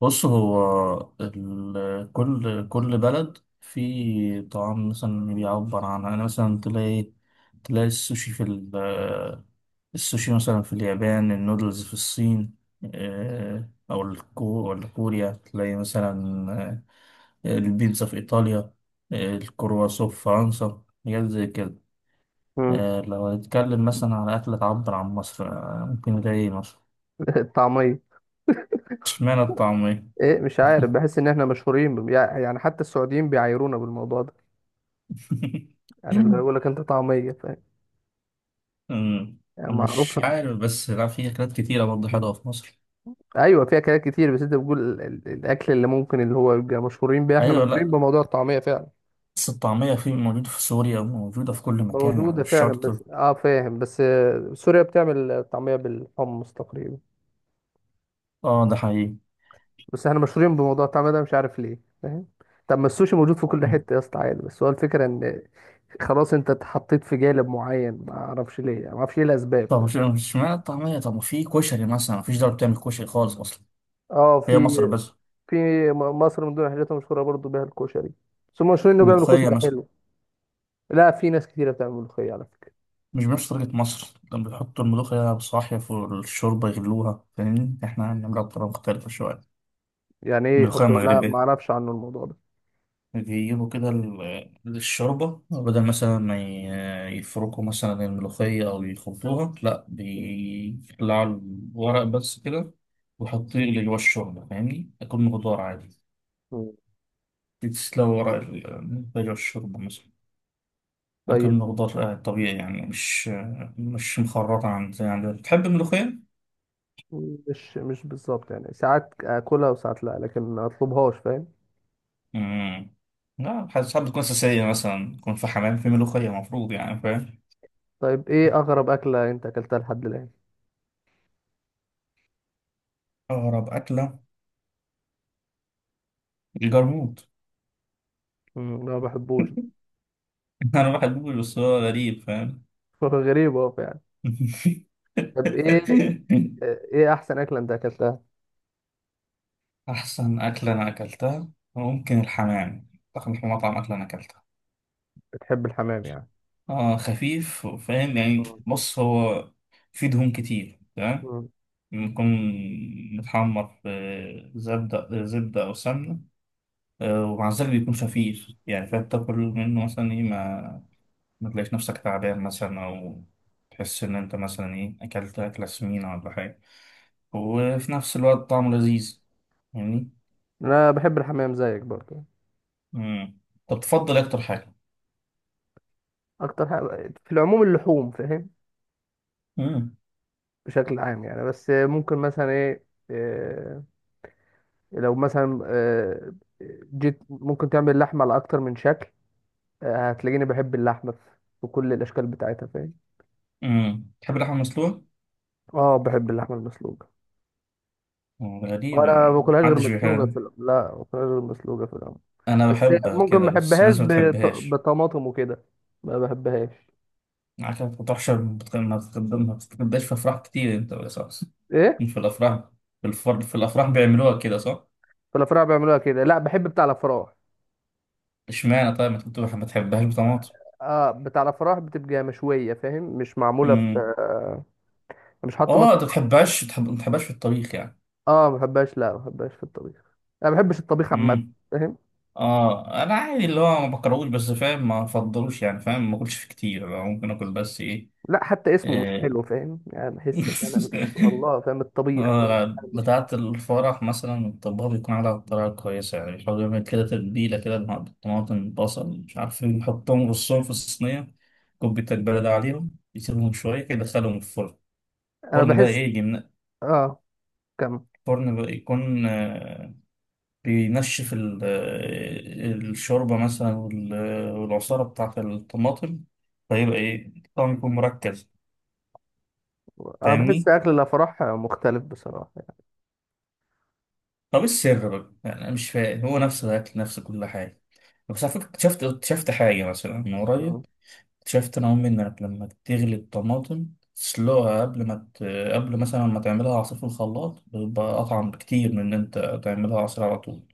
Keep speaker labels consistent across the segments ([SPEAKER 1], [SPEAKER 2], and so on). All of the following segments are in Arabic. [SPEAKER 1] بص هو كل بلد في طعام مثلا بيعبر عنها، يعني مثلا تلاقي تلاقي السوشي في ال- السوشي مثلا في اليابان، النودلز في الصين، أو ولا كوريا، تلاقي مثلا البيتزا في إيطاليا، الكرواسون في فرنسا، حاجات زي كده.
[SPEAKER 2] مم.
[SPEAKER 1] لو هنتكلم مثلا على أكلة تعبر عن مصر، ممكن نلاقي مصر.
[SPEAKER 2] الطعمية.
[SPEAKER 1] اشمعنى الطعمية؟
[SPEAKER 2] ايه، مش عارف. بحس ان احنا مشهورين يعني حتى السعوديين بيعايرونا بالموضوع ده. يعني اللي يقول لك انت طعمية فاهم.
[SPEAKER 1] أمم،
[SPEAKER 2] يعني
[SPEAKER 1] مش
[SPEAKER 2] معروفة.
[SPEAKER 1] عارف، بس لا، في أكلات كتيرة برضه حلوة في مصر.
[SPEAKER 2] ايوه، فيها اكلات كتير بس انت بتقول الاكل اللي ممكن اللي هو يبقى مشهورين بيه، احنا
[SPEAKER 1] أيوة،
[SPEAKER 2] مشهورين
[SPEAKER 1] لا،
[SPEAKER 2] بموضوع الطعمية فعلا.
[SPEAKER 1] بس الطعمية موجودة في سوريا وموجودة في كل مكان، يعني
[SPEAKER 2] موجودة
[SPEAKER 1] مش
[SPEAKER 2] فعلا
[SPEAKER 1] شرط.
[SPEAKER 2] بس اه فاهم بس سوريا بتعمل طعمية بالحمص تقريبا.
[SPEAKER 1] اه ده حقيقي.
[SPEAKER 2] بس احنا مشهورين بموضوع الطعمية ده مش عارف ليه فاهم. طب ما السوشي موجود في كل
[SPEAKER 1] أمم.
[SPEAKER 2] حتة يا اسطى عادي، بس هو الفكرة ان خلاص انت اتحطيت في جانب معين، ما اعرفش ليه، ما اعرفش ايه الاسباب.
[SPEAKER 1] طب مش معنى الطعمية، طب في كشري مثلا، مفيش دولة بتعمل كشري خالص أصلا،
[SPEAKER 2] اه
[SPEAKER 1] هي
[SPEAKER 2] في
[SPEAKER 1] مصر بس.
[SPEAKER 2] في م- مصر من ضمن الحاجات المشهوره برضو بيها الكشري. بس هم مشهورين انه بيعملوا
[SPEAKER 1] ملوخية
[SPEAKER 2] كشري
[SPEAKER 1] مثلا،
[SPEAKER 2] حلو. لا، في ناس كتيره بتعمل ملوخيه على فكره.
[SPEAKER 1] مش بنفس طريقة مصر لما بيحطوا الملوخية بصاحية في الشوربة يغلوها، فاهمني، احنا بنعملها بطريقة مختلفة شوية.
[SPEAKER 2] يعني ايه
[SPEAKER 1] ملوخية
[SPEAKER 2] يحطوا؟ لا ما
[SPEAKER 1] مغربية،
[SPEAKER 2] اعرفش عنه الموضوع ده.
[SPEAKER 1] بيجيبوا كده الشوربة، بدل مثلا ما يفركوا مثلا الملوخية أو يخلطوها، لأ بيقلعوا الورق بس كده ويحطوه يغلي جوا الشوربة، فاهمني؟ أكل خضار عادي،
[SPEAKER 2] مم.
[SPEAKER 1] تسلق ورق الملوخية جوا الشوربة مثلا.
[SPEAKER 2] طيب.
[SPEAKER 1] أكل خضار طبيعي يعني، مش مخرطة عن زي عندنا. بتحب الملوخية؟
[SPEAKER 2] مش بالظبط يعني، ساعات اكلها وساعات لا، لكن ما اطلبهاش فاهم.
[SPEAKER 1] مم. لا، حاسس ساعات بتكون أساسية، مثلا يكون في حمام في ملوخية مفروض، يعني فاهم؟
[SPEAKER 2] طيب، ايه اغرب اكله انت اكلتها لحد الان؟
[SPEAKER 1] أغرب أكلة؟ الجرموط.
[SPEAKER 2] انا ما بحبوش.
[SPEAKER 1] انا بحبوش، بس هو غريب فاهم.
[SPEAKER 2] غريب اهو يعني. طب ايه ايه احسن اكله انت اكلتها؟
[SPEAKER 1] احسن اكله انا اكلتها ممكن الحمام، احسن مطعم اكله انا اكلتها.
[SPEAKER 2] بتحب الحمام يعني.
[SPEAKER 1] اه خفيف، فاهم يعني.
[SPEAKER 2] آه.
[SPEAKER 1] بص هو فيه دهون كتير، تمام،
[SPEAKER 2] مم.
[SPEAKER 1] بيكون متحمر في زبدة، زبدة أو سمنة، ومع ذلك بيكون خفيف يعني، فأنت تاكل منه مثلا إيه، ما تلاقيش نفسك تعبان مثلا، أو تحس إن أنت مثلا إيه أكلت أكلة سمينة ولا حاجة، وفي نفس الوقت طعمه لذيذ. فاهمني؟
[SPEAKER 2] انا بحب الحمام زيك برضه.
[SPEAKER 1] امم طب تفضل إيه اكتر حاجه؟
[SPEAKER 2] اكتر حاجه في العموم اللحوم فاهم،
[SPEAKER 1] امم
[SPEAKER 2] بشكل عام يعني. بس ممكن مثلا ايه آه، لو مثلا جيت، ممكن تعمل لحمة على أكتر من شكل. هتلاقيني بحب اللحمة في كل الأشكال بتاعتها فاهم.
[SPEAKER 1] تحب اللحمه المسلوقه؟
[SPEAKER 2] اه، باكل. بحب اللحمة المسلوقة.
[SPEAKER 1] غريبه.
[SPEAKER 2] وأنا ما باكلهاش غير
[SPEAKER 1] محدش
[SPEAKER 2] مسلوقة في
[SPEAKER 1] بيحب،
[SPEAKER 2] الأول، لا ما باكلهاش غير مسلوقة في الأول.
[SPEAKER 1] انا
[SPEAKER 2] بس
[SPEAKER 1] بحبها
[SPEAKER 2] ممكن
[SPEAKER 1] كده
[SPEAKER 2] ما
[SPEAKER 1] بس
[SPEAKER 2] بحبهاش
[SPEAKER 1] الناس ما بتحبهاش.
[SPEAKER 2] بطماطم وكده. ما بحبهاش.
[SPEAKER 1] عارف، ما بتروحش، ما بتتغداش في افراح كتير انت بالاساس؟
[SPEAKER 2] ايه،
[SPEAKER 1] في الافراح، في الافراح بيعملوها كده صح؟
[SPEAKER 2] في الأفراح بيعملوها كده لا بحب بتاع الأفراح.
[SPEAKER 1] اشمعنى؟ طيب ما تحبهاش بطماطم؟
[SPEAKER 2] اه، بتاع الأفراح بتبقى مشوية فاهم، مش معمولة في
[SPEAKER 1] امم
[SPEAKER 2] مش حاطة
[SPEAKER 1] اه، انت
[SPEAKER 2] مثلا.
[SPEAKER 1] ما بتحبهاش، ما بتحبهاش في الطبيخ
[SPEAKER 2] اه ما بحبهاش، لا ما بحبهاش في الطبيخ. انا ما بحبش الطبيخ عامه
[SPEAKER 1] يعني.
[SPEAKER 2] فاهم.
[SPEAKER 1] اه، انا عادي، اللي هو ما بكرهوش بس فاهم، ما افضلوش يعني فاهم، ما اكلش فيه كتير، أنا ممكن اكل بس ايه
[SPEAKER 2] لا، حتى اسمه مش
[SPEAKER 1] آه،
[SPEAKER 2] حلو فاهم. يعني بحس ان انا مش والله فاهم الطبيخ فاهم. انا مش.
[SPEAKER 1] بتاعة الفرح مثلا، الطباخ بيكون على طريقة كويسة يعني، بيحاول يعمل كده تتبيلة كده بالطماطم، بصل، مش عارف ايه، يحطهم يرصهم في الصينية، كوباية البلد عليهم، يسيبهم شوية كده، يدخلهم الفرن.
[SPEAKER 2] انا
[SPEAKER 1] الفرن بقى ايه
[SPEAKER 2] بحس.
[SPEAKER 1] يجي
[SPEAKER 2] اه. كم.
[SPEAKER 1] الفرن بقى يكون بينشف الشوربة مثلا والعصارة بتاعة الطماطم، فيبقى إيه الطعم يكون مركز.
[SPEAKER 2] انا بحس
[SPEAKER 1] فاهمني؟
[SPEAKER 2] اكل الافراح مختلف بصراحه.
[SPEAKER 1] طب إيه السر بقى؟ يعني أنا مش فاهم، هو نفس الأكل، نفس كل حاجة. بس على فكرة اكتشفت، اكتشفت حاجة مثلا من
[SPEAKER 2] مم.
[SPEAKER 1] قريب. اكتشفت أنا وأمي إنك لما تغلي الطماطم، تسلقها قبل مثلا ما تعملها عصير في الخلاط، بيبقى أطعم بكتير من إن أنت تعملها عصير على طول.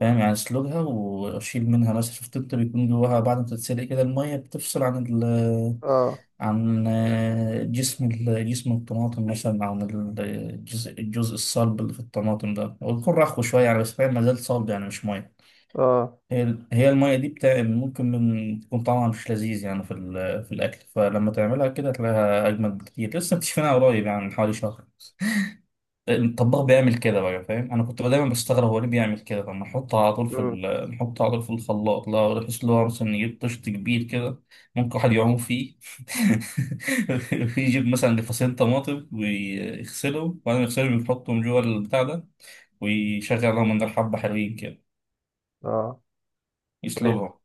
[SPEAKER 1] فاهم يعني، اسلقها واشيل منها، مثلا شفت انت بيكون جواها بعد ما تتسلق كده، الميه بتفصل عن ال
[SPEAKER 2] اه.
[SPEAKER 1] عن آه، جسم جسم الطماطم مثلا، عن الجزء الصلب اللي في الطماطم ده، ويكون رخو شويه يعني، بس فاهم ما زال صلب يعني مش ميه.
[SPEAKER 2] اه.
[SPEAKER 1] هي هي الميه دي بتاع ممكن من تكون طعمها مش لذيذ يعني في في الاكل، فلما تعملها كده تلاقيها اجمل بكتير. لسه مكتشفينها قريب يعني، من حوالي شهر. الطباخ بيعمل كده بقى، فاهم، انا كنت دايما بستغرب هو ليه بيعمل كده، طب نحطه على طول في
[SPEAKER 2] مم.
[SPEAKER 1] نحطه على طول في الخلاط، لا بحيث اللي هو مثلا نجيب طشت كبير كده ممكن واحد يعوم فيه. يجيب مثلا لفصين طماطم ويغسلهم، وبعدين يغسلهم يحطهم جوه البتاع ده، ويشغل لهم من حبة حلوين كده،
[SPEAKER 2] اه. طيب،
[SPEAKER 1] يسلقهم.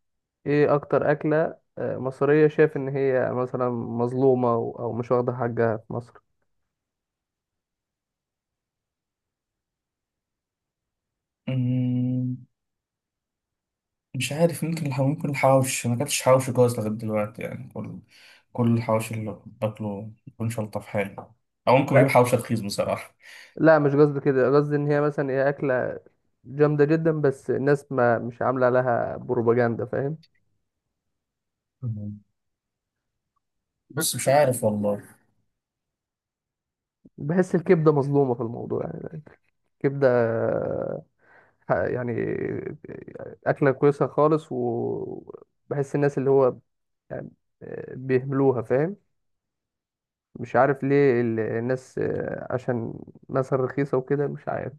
[SPEAKER 2] ايه اكتر اكله مصريه شايف ان هي مثلا مظلومه او مش واخده حقها في مصر؟
[SPEAKER 1] أمم، مش عارف، ممكن ممكن الحواوش، انا ماكلتش حواوشي كويس لغايه دلوقتي يعني، كل الحواوشي اللي باكله ما بيكونش الطف حاجه، او ممكن بجيب حواوشي رخيص بصراحه.
[SPEAKER 2] لا، مش قصدي كده. قصدي ان هي مثلا هي اكله جامده جدا، بس الناس ما مش عامله لها بروباجندا فاهم.
[SPEAKER 1] مم. بس مش عارف والله.
[SPEAKER 2] بحس الكبدة مظلومة في الموضوع يعني. الكبدة يعني أكلة كويسة خالص. وبحس الناس اللي هو يعني بيهملوها فاهم. مش عارف ليه الناس عشان مثلا رخيصة وكده مش عارف.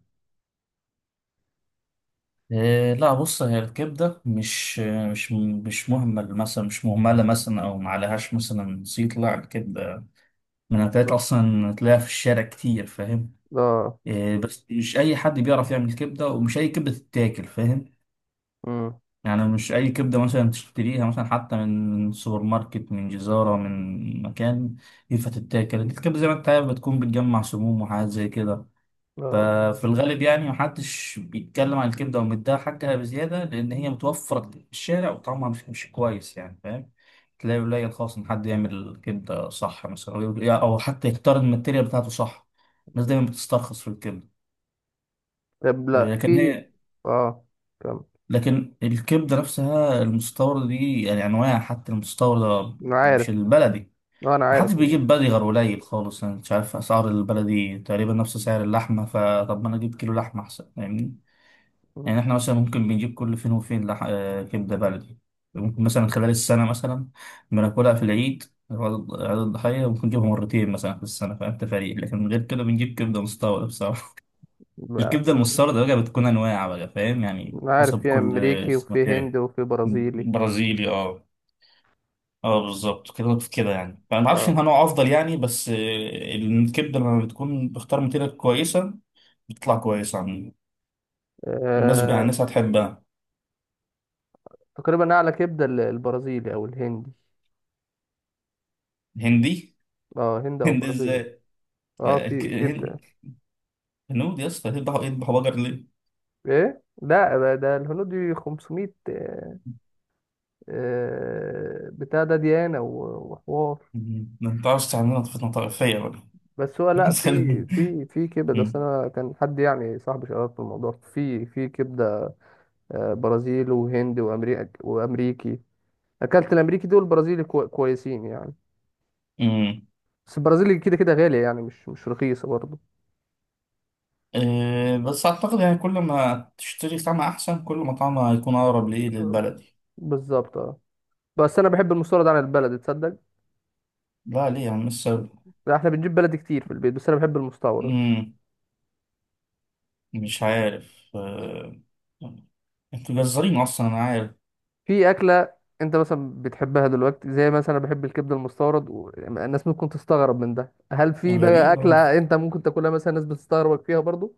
[SPEAKER 1] إيه، لا، بص هي الكبدة مش مهمل مثلا، مش مهملة مثلا أو معلهاش مثلا زيت، لا الكبدة من الأكلات أصلا تلاقيها في الشارع كتير، فاهم.
[SPEAKER 2] اه.
[SPEAKER 1] إيه بس مش أي حد بيعرف يعمل كبدة، ومش أي كبدة تتاكل، فاهم.
[SPEAKER 2] امم.
[SPEAKER 1] يعني مش أي كبدة مثلا تشتريها مثلا حتى من سوبر ماركت، من جزارة، من مكان، ينفع تتاكل، الكبدة زي ما أنت عارف بتكون بتجمع سموم وحاجات زي كده.
[SPEAKER 2] اه.
[SPEAKER 1] ففي الغالب يعني محدش بيتكلم عن الكبدة ومديها حقها بزيادة، لأن هي متوفرة في الشارع وطعمها مش كويس يعني فاهم. تلاقي قليل خالص إن حد يعمل كبدة صح مثلا، أو أو حتى يختار الماتيريال بتاعته صح. الناس دايما بتسترخص في الكبدة،
[SPEAKER 2] طب لا،
[SPEAKER 1] لكن
[SPEAKER 2] في.
[SPEAKER 1] هي،
[SPEAKER 2] اه. تمام.
[SPEAKER 1] لكن الكبدة نفسها المستوردة دي يعني أنواع، حتى المستوردة،
[SPEAKER 2] انا عارف.
[SPEAKER 1] مش البلدي.
[SPEAKER 2] آه، انا
[SPEAKER 1] محدش
[SPEAKER 2] عارف. مم.
[SPEAKER 1] بيجيب بلدي غير قليل خالص، أنا مش عارف، أسعار البلدي تقريبا نفس سعر اللحمة، فطب ما أنا أجيب كيلو لحمة أحسن، فاهمني.
[SPEAKER 2] مم.
[SPEAKER 1] يعني احنا مثلا ممكن بنجيب كل فين وفين لح... آه، كبدة بلدي، ممكن مثلا خلال السنة مثلا بناكلها في العيد، عيد عيد الضحية، ممكن نجيبها مرتين مثلا في السنة، فاهم، تفاريق، لكن من غير كده بنجيب كبدة مستوردة بصراحة.
[SPEAKER 2] لا
[SPEAKER 1] الكبدة
[SPEAKER 2] احنا.
[SPEAKER 1] المستوردة بقى بتكون أنواع بقى، فاهم يعني
[SPEAKER 2] انا عارف
[SPEAKER 1] حسب
[SPEAKER 2] في
[SPEAKER 1] كل
[SPEAKER 2] امريكي وفي
[SPEAKER 1] ماتيريال.
[SPEAKER 2] هندي وفي برازيلي.
[SPEAKER 1] برازيلي، اه، اه بالظبط كده كده يعني، فأنا ما اعرفش انها
[SPEAKER 2] اه.
[SPEAKER 1] نوع افضل يعني، بس الكبده لما بتكون بختار ماتيريال كويسه، بتطلع كويسه، عن مناسبه يعني،
[SPEAKER 2] آه،
[SPEAKER 1] الناس هتحبها.
[SPEAKER 2] تقريبا اعلى كبده البرازيلي او الهندي.
[SPEAKER 1] هندي.
[SPEAKER 2] اه، هند او
[SPEAKER 1] هندي
[SPEAKER 2] برازيل.
[SPEAKER 1] ازاي؟
[SPEAKER 2] اه،
[SPEAKER 1] آه، ك-
[SPEAKER 2] في
[SPEAKER 1] هن-
[SPEAKER 2] كبده.
[SPEAKER 1] هنود يا اسطى يذبحوا، يذبحوا بقر ليه؟
[SPEAKER 2] ايه لا بقى، ده الهنود 500 بتاع ده ديانه وحوار.
[SPEAKER 1] مم. ما ينفعش تعملها طفلة طائفية بقى.
[SPEAKER 2] بس هو لا
[SPEAKER 1] مثلا.
[SPEAKER 2] في كبده اصل.
[SPEAKER 1] مم.
[SPEAKER 2] انا كان حد يعني صاحبي شغال في الموضوع في في كبده. برازيل وهند وامريكا وامريكي. اكلت الامريكي دول البرازيلي كويسين يعني.
[SPEAKER 1] مم.
[SPEAKER 2] بس البرازيلي كده كده غالي يعني، مش رخيصه برضه.
[SPEAKER 1] بس أعتقد يعني كل ما تشتري طعمها أحسن، كل ما طعمها هيكون أقرب لإيه، للبلدي.
[SPEAKER 2] بالظبط اه. بس انا بحب المستورد عن البلد تصدق.
[SPEAKER 1] لا ليه يا عم السبب؟
[SPEAKER 2] لا احنا بنجيب بلدي كتير في البيت بس انا بحب المستورد.
[SPEAKER 1] مم. مش عارف انتوا جزارين أصلا أنا عارف.
[SPEAKER 2] في اكله انت مثلا بتحبها دلوقتي زي مثلا انا بحب الكبده المستورد الناس ممكن تستغرب من ده، هل في بقى
[SPEAKER 1] غريبة.
[SPEAKER 2] اكله انت ممكن تاكلها مثلا الناس بتستغربك فيها برضو؟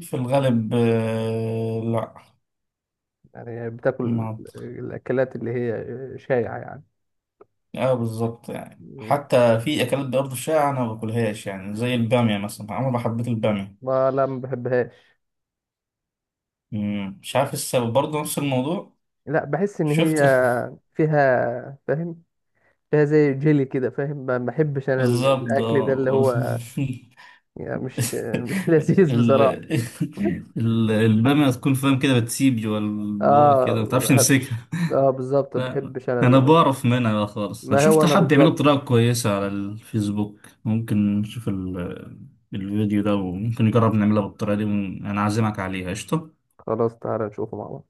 [SPEAKER 1] في الغالب لا،
[SPEAKER 2] يعني بتاكل
[SPEAKER 1] ما
[SPEAKER 2] الاكلات اللي هي شائعه يعني.
[SPEAKER 1] اه بالظبط يعني،
[SPEAKER 2] مم.
[SPEAKER 1] حتى في اكلات برضه شائعة انا ما باكلهاش يعني، زي البامية مثلا عمري ما حبيت البامية.
[SPEAKER 2] ما لا ما بحبهاش.
[SPEAKER 1] مم، مش عارف إيه السبب برضه، نفس الموضوع.
[SPEAKER 2] لا بحس ان هي
[SPEAKER 1] شفت؟
[SPEAKER 2] فيها فاهم. فيها زي جيلي كده فاهم. ما بحبش انا
[SPEAKER 1] بالظبط
[SPEAKER 2] الاكل ده اللي
[SPEAKER 1] آه.
[SPEAKER 2] هو يعني مش لذيذ
[SPEAKER 1] ال...
[SPEAKER 2] بصراحه.
[SPEAKER 1] البامية تكون فاهم كده، بتسيب جوا البوق كده، ما تعرفش
[SPEAKER 2] اه
[SPEAKER 1] تمسكها.
[SPEAKER 2] اه بالظبط، ما
[SPEAKER 1] لا،
[SPEAKER 2] بحبش انا
[SPEAKER 1] انا بعرف منها بقى خالص، انا
[SPEAKER 2] ما هو
[SPEAKER 1] شفت
[SPEAKER 2] انا
[SPEAKER 1] حد يعمله
[SPEAKER 2] بالظبط.
[SPEAKER 1] بطريقة كويسة على الفيسبوك، ممكن نشوف الفيديو ده، وممكن نجرب نعملها بالطريقة دي، انا عازمك عليها قشطة.
[SPEAKER 2] خلاص تعالى نشوفه مع بعض.